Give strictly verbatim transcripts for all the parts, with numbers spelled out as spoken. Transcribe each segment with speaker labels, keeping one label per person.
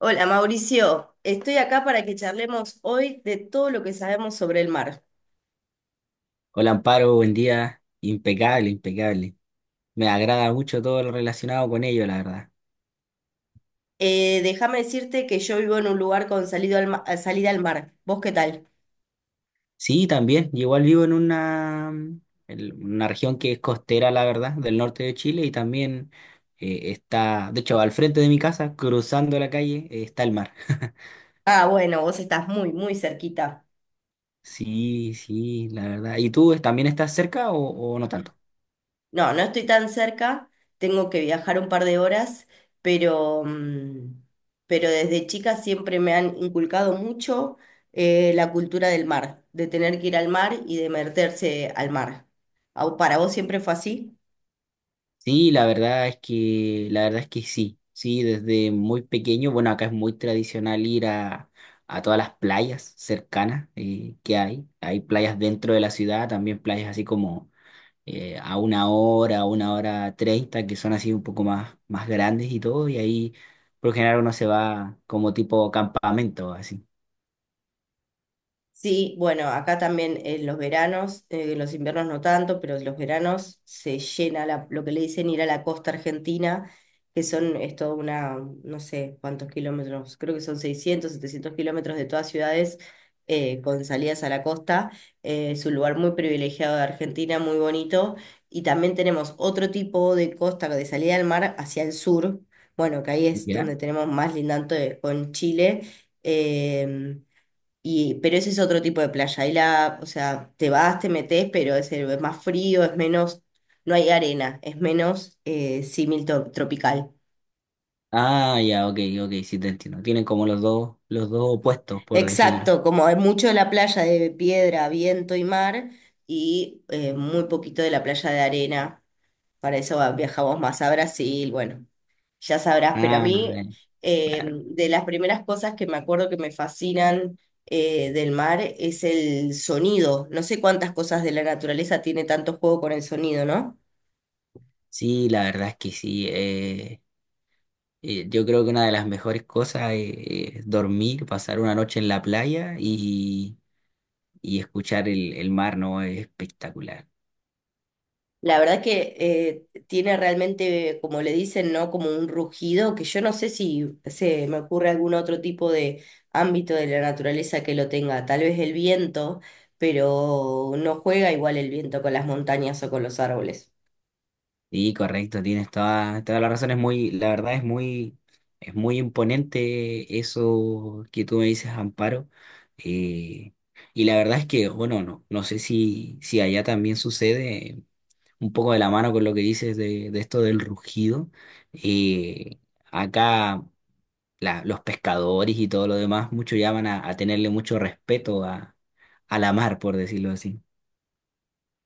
Speaker 1: Hola Mauricio, estoy acá para que charlemos hoy de todo lo que sabemos sobre el mar.
Speaker 2: Hola Amparo, buen día. Impecable, impecable. Me agrada mucho todo lo relacionado con ello, la verdad.
Speaker 1: Eh, déjame decirte que yo vivo en un lugar con salido al ma- eh, salida al mar. ¿Vos qué tal?
Speaker 2: Sí, también. yo Igual vivo en una, en una región que es costera, la verdad, del norte de Chile y también eh, está, de hecho, al frente de mi casa, cruzando la calle, eh, está el mar.
Speaker 1: Ah, bueno, vos estás muy, muy cerquita.
Speaker 2: Sí, sí, la verdad. ¿Y tú es- también estás cerca o, o no tanto?
Speaker 1: No, no estoy tan cerca, tengo que viajar un par de horas, pero, mm, pero desde chica siempre me han inculcado mucho eh, la cultura del mar, de tener que ir al mar y de meterse al mar. Au, ¿Para vos siempre fue así?
Speaker 2: Sí, la verdad es que, la verdad es que sí, sí, desde muy pequeño, bueno, acá es muy tradicional ir a, a todas las playas cercanas eh, que hay. Hay playas dentro de la ciudad, también playas así como eh, a una hora, a una hora treinta, que son así un poco más, más grandes y todo, y ahí por lo general uno se va como tipo campamento, así.
Speaker 1: Sí, bueno, acá también en los veranos, eh, los inviernos no tanto, pero en los veranos se llena la- lo que le dicen ir a la costa argentina, que son, es toda una, no sé cuántos kilómetros, creo que son seiscientos, setecientos kilómetros de todas ciudades eh, con salidas a la costa. Eh, es un lugar muy privilegiado de Argentina, muy bonito. Y también tenemos otro tipo de costa de salida al mar hacia el sur. Bueno, que ahí es
Speaker 2: ¿Ya?
Speaker 1: donde tenemos más lindante con Chile. em, y, pero ese es otro tipo de playa. Ahí la, o sea, te vas, te metes, pero es, el- es más frío, es menos, no hay arena, es menos eh, símil to- tropical.
Speaker 2: Ah, ya, ok, ok, sí te entiendo. Tienen como los dos, los dos opuestos, por decirlo.
Speaker 1: Exacto, como hay mucho de la playa de piedra, viento y mar, y eh, muy poquito de la playa de arena. Para eso va- viajamos más a Brasil, bueno, ya sabrás, pero a
Speaker 2: Ah,
Speaker 1: mí
Speaker 2: eh,
Speaker 1: eh,
Speaker 2: claro.
Speaker 1: de las primeras cosas que me acuerdo que me fascinan eh, del mar es el sonido. No sé cuántas cosas de la naturaleza tiene tanto juego con el sonido, ¿no?
Speaker 2: Sí, la verdad es que sí. Eh, eh, yo creo que una de las mejores cosas es, es dormir, pasar una noche en la playa y, y escuchar el, el mar, ¿no? Es espectacular.
Speaker 1: La verdad que eh, tiene realmente, como le dicen, ¿no? Como un rugido que yo no sé si se me ocurre algún otro tipo de ámbito de la naturaleza que lo tenga. Tal vez el viento, pero no juega igual el viento con las montañas o con los árboles.
Speaker 2: Sí, correcto, tienes toda, toda la razón. Es muy, la verdad es muy, es muy imponente eso que tú me dices, Amparo. eh, y la verdad es que, bueno, no, no sé si, si allá también sucede eh, un poco de la mano con lo que dices de, de esto del rugido. eh, Acá la- los pescadores y todo lo demás, muchos llaman a, a tenerle mucho respeto a, a la mar, por decirlo así.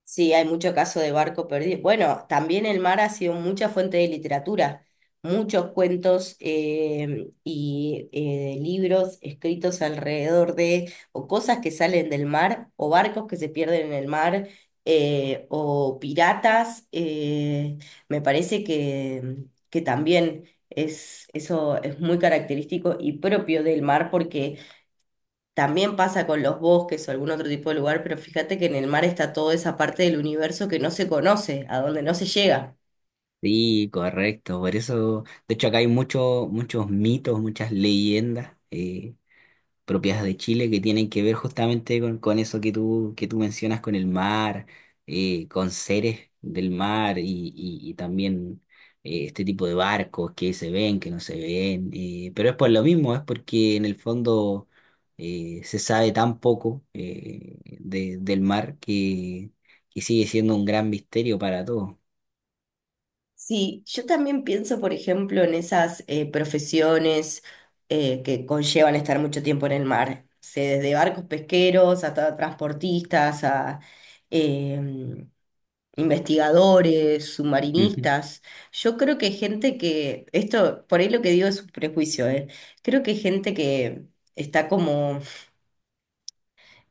Speaker 1: Sí, hay mucho caso de barco perdido. Bueno, también el mar ha sido mucha fuente de literatura, muchos cuentos eh, y eh, libros escritos alrededor de o cosas que salen del mar o barcos que se pierden en el mar eh, o piratas. Eh, me parece que, que también es, eso es muy característico y propio del mar porque también pasa con los bosques o algún otro tipo de lugar, pero fíjate que en el mar está toda esa parte del universo que no se conoce, a donde no se llega.
Speaker 2: Sí, correcto. Por eso, de hecho, acá hay muchos muchos mitos, muchas leyendas. Eh, propias de Chile que tienen que ver justamente con, con eso que tú, que tú mencionas, con el mar, eh, con seres del mar y, y- y también eh, este tipo de barcos que se ven, que no se ven. Eh, pero es por lo mismo, es porque en el fondo eh, se sabe tan poco eh, de- del mar que, que sigue siendo un gran misterio para todos.
Speaker 1: Sí, yo también pienso, por ejemplo, en esas eh, profesiones eh, que conllevan estar mucho tiempo en el mar. No sé, desde barcos pesqueros hasta transportistas, a em, investigadores,
Speaker 2: Ujú.
Speaker 1: submarinistas. Yo creo que gente que, esto por ahí lo que digo es un prejuicio, eh. Creo que gente que está como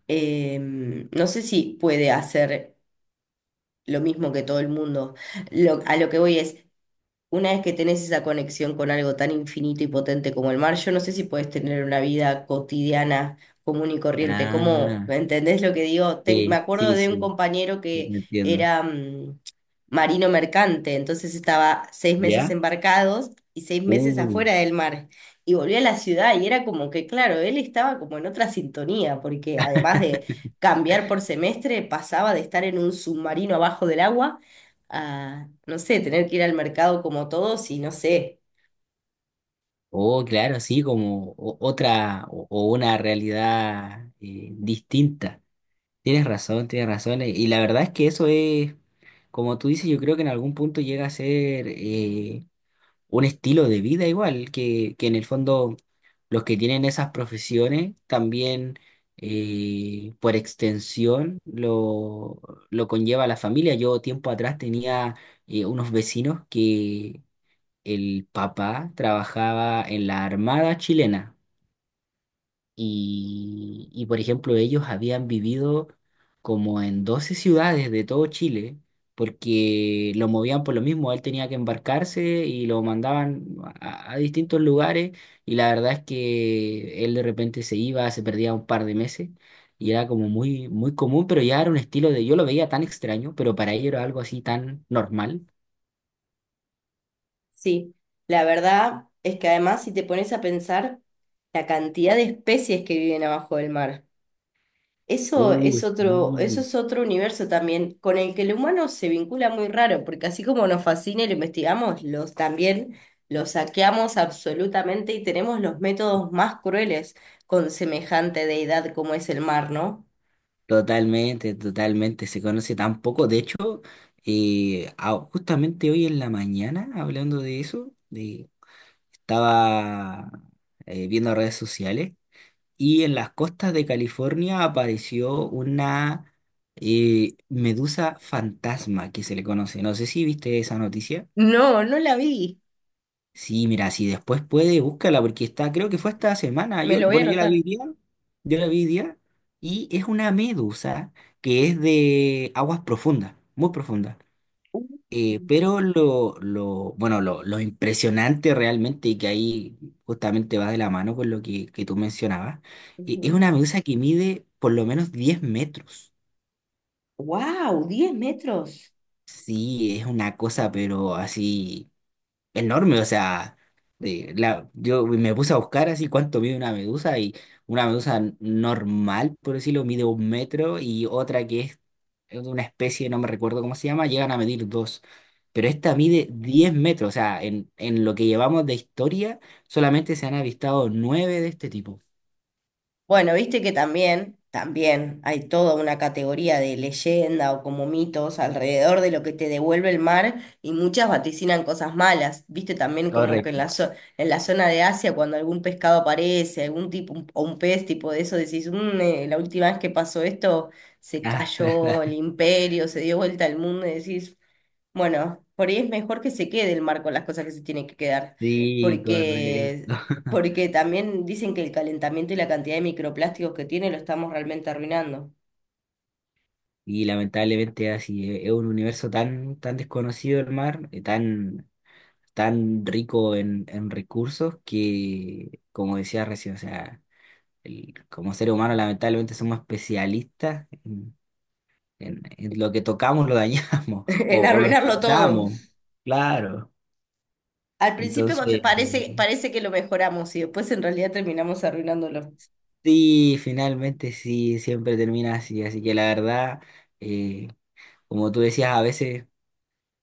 Speaker 1: em, no sé si puede hacer lo mismo que todo el mundo. Lo- a lo que voy es, una vez que tenés esa conexión con algo tan infinito y potente como el mar, yo no sé si puedes tener una vida cotidiana común y corriente. ¿Cómo,
Speaker 2: Ah,
Speaker 1: entendés lo que digo? Te- me
Speaker 2: sí,
Speaker 1: acuerdo
Speaker 2: sí,
Speaker 1: de un
Speaker 2: sí,
Speaker 1: compañero
Speaker 2: sí, te
Speaker 1: que
Speaker 2: entiendo.
Speaker 1: era mm, marino mercante, entonces estaba seis meses
Speaker 2: ¿Ya?
Speaker 1: embarcados y seis meses
Speaker 2: Uh.
Speaker 1: afuera del mar. Y volvió a la ciudad y era como que, claro, él estaba como en otra sintonía, porque además de cambiar por semestre, pasaba de estar en un submarino abajo del agua a, no sé, tener que ir al mercado como todos y no sé,
Speaker 2: Oh, claro, sí, como o- otra o, o una realidad eh, distinta. Tienes razón, tienes razón. eh, Y la verdad es que eso es, como tú dices, yo creo que en algún punto llega a ser eh, un estilo de vida igual, que, que en el fondo los que tienen esas profesiones también eh, por extensión lo, lo conlleva la familia. Yo tiempo atrás tenía eh, unos vecinos, el papá trabajaba en la Armada chilena y, y, por ejemplo, ellos habían vivido como en doce ciudades de todo Chile porque lo movían por lo mismo, él tenía que embarcarse y lo mandaban a, a distintos lugares y la verdad es que él de repente se iba, se perdía un par de meses. Y era como muy, muy común, pero ya era un estilo de, yo lo veía tan extraño, pero para ellos era algo así tan normal.
Speaker 1: sí. La verdad es que además si te pones a pensar la cantidad de especies que viven abajo del mar, eso
Speaker 2: Uh,
Speaker 1: es otro, eso
Speaker 2: sí.
Speaker 1: es otro universo también con el que el humano se vincula muy raro, porque así como nos fascina y lo investigamos, los también los saqueamos absolutamente y tenemos los métodos más crueles con semejante deidad como es el mar, ¿no?
Speaker 2: Totalmente, totalmente. Se conoce tan poco. De hecho, eh, ah, justamente hoy en la mañana, hablando de eso, de- estaba eh, viendo redes sociales y en las costas de California apareció una eh, medusa fantasma que se le conoce. No sé si viste esa noticia.
Speaker 1: No, no la vi.
Speaker 2: Sí, mira, si después puede, búscala, porque está, creo que fue esta semana.
Speaker 1: Me
Speaker 2: Yo,
Speaker 1: lo voy a
Speaker 2: bueno, yo la vi
Speaker 1: anotar.
Speaker 2: hoy día, yo la vi hoy día, y es una medusa que es de aguas profundas, muy profundas.
Speaker 1: Uh,
Speaker 2: Eh, pero lo, lo, bueno, lo, lo impresionante realmente, y que ahí justamente va de la mano con lo que, que tú mencionabas, eh, es
Speaker 1: Ujú.
Speaker 2: una medusa que mide por lo menos diez metros.
Speaker 1: ¡Wow! ¿Diez metros?
Speaker 2: Sí, es una cosa, pero así enorme, o sea, de la, yo me puse a buscar así cuánto mide una medusa y una medusa n- normal, por decirlo, mide un metro y otra que es de una especie, no me recuerdo cómo se llama, llegan a medir dos. Pero esta mide diez metros, o sea, en, en lo que llevamos de historia solamente se han avistado nueve de este tipo.
Speaker 1: Bueno, viste que también, también hay toda una categoría de leyenda o como mitos alrededor de lo que te devuelve el mar y muchas vaticinan cosas malas. Viste también como que en
Speaker 2: Correcto.
Speaker 1: la, zo- en la zona de Asia cuando algún pescado aparece, algún tipo un- o un pez tipo de eso, decís, "Mm, eh, la última vez que pasó esto se
Speaker 2: Ah,
Speaker 1: cayó el imperio, se dio vuelta al mundo y decís... Bueno, por ahí es mejor que se quede el marco, las cosas que se tienen que quedar,
Speaker 2: sí, correcto.
Speaker 1: porque, porque también dicen que el calentamiento y la cantidad de microplásticos que tiene lo estamos realmente arruinando,
Speaker 2: Y lamentablemente así es es un universo tan, tan desconocido el mar, eh, tan tan rico en, en recursos que, como decía recién, o sea, el- como ser humano lamentablemente somos especialistas en, en- en lo que tocamos lo dañamos o,
Speaker 1: en
Speaker 2: o lo
Speaker 1: arruinarlo todo.
Speaker 2: explotamos, claro.
Speaker 1: Al principio
Speaker 2: Entonces,
Speaker 1: pa- parece, parece que lo mejoramos y después en realidad terminamos arruinándolo.
Speaker 2: sí, finalmente sí, siempre termina así, así que la verdad, eh, como tú decías, a veces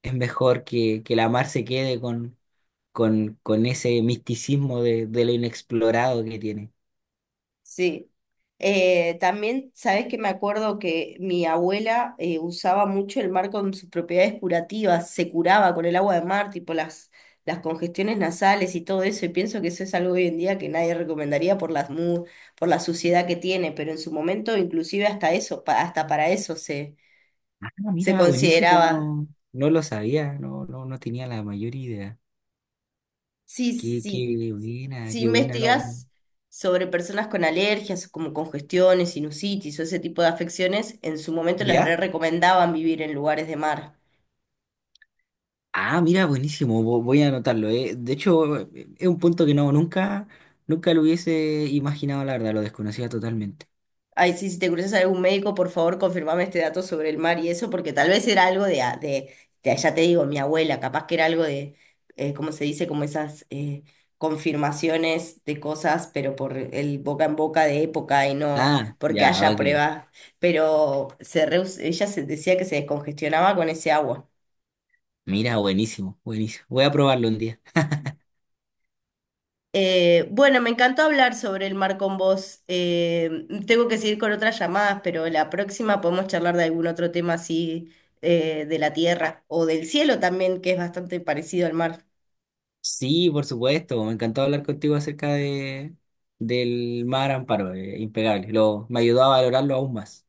Speaker 2: es mejor que, que la mar se quede con, con, con ese misticismo de, de lo inexplorado que tiene.
Speaker 1: Sí. Eh, también, sabes que me acuerdo que mi abuela eh, usaba mucho el mar con sus propiedades curativas, se curaba con el agua de mar, tipo las, las congestiones nasales y todo eso, y pienso que eso es algo hoy en día que nadie recomendaría por las mu- por la suciedad que tiene, pero en su momento inclusive hasta eso, pa- hasta para eso se,
Speaker 2: Ah,
Speaker 1: se
Speaker 2: mira, buenísimo,
Speaker 1: consideraba.
Speaker 2: no, no lo sabía, no, no, no tenía la mayor idea.
Speaker 1: Sí,
Speaker 2: Qué,
Speaker 1: sí,
Speaker 2: qué buena,
Speaker 1: si
Speaker 2: qué buena, no, no.
Speaker 1: investigas sobre personas con alergias, como congestiones, sinusitis o ese tipo de afecciones, en su momento les re
Speaker 2: ¿Ya?
Speaker 1: recomendaban vivir en lugares de mar.
Speaker 2: Ah, mira, buenísimo, vo- voy a anotarlo, eh. De hecho, eh, eh, es un punto que no, nunca, nunca lo hubiese imaginado, la verdad, lo desconocía totalmente.
Speaker 1: Ay, sí, si te cruzas a algún médico, por favor, confirmame este dato sobre el mar y eso, porque tal vez era algo de, a- de, de- ya te digo, mi abuela, capaz que era algo de, eh, ¿cómo se dice? Como esas eh, confirmaciones de cosas, pero por el boca en boca de época y no
Speaker 2: Ah,
Speaker 1: porque
Speaker 2: ya,
Speaker 1: haya
Speaker 2: ok.
Speaker 1: pruebas. Pero se reus- ella se decía que se descongestionaba con ese agua.
Speaker 2: Mira, buenísimo, buenísimo. Voy a probarlo un día.
Speaker 1: Eh, bueno, me encantó hablar sobre el mar con vos. Eh, tengo que seguir con otras llamadas, pero la próxima podemos charlar de algún otro tema así eh, de la tierra o del cielo también, que es bastante parecido al mar.
Speaker 2: Sí, por supuesto, me encantó hablar contigo acerca de, del Mar Amparo, eh, impecable. Lo, me ayudó a valorarlo aún más.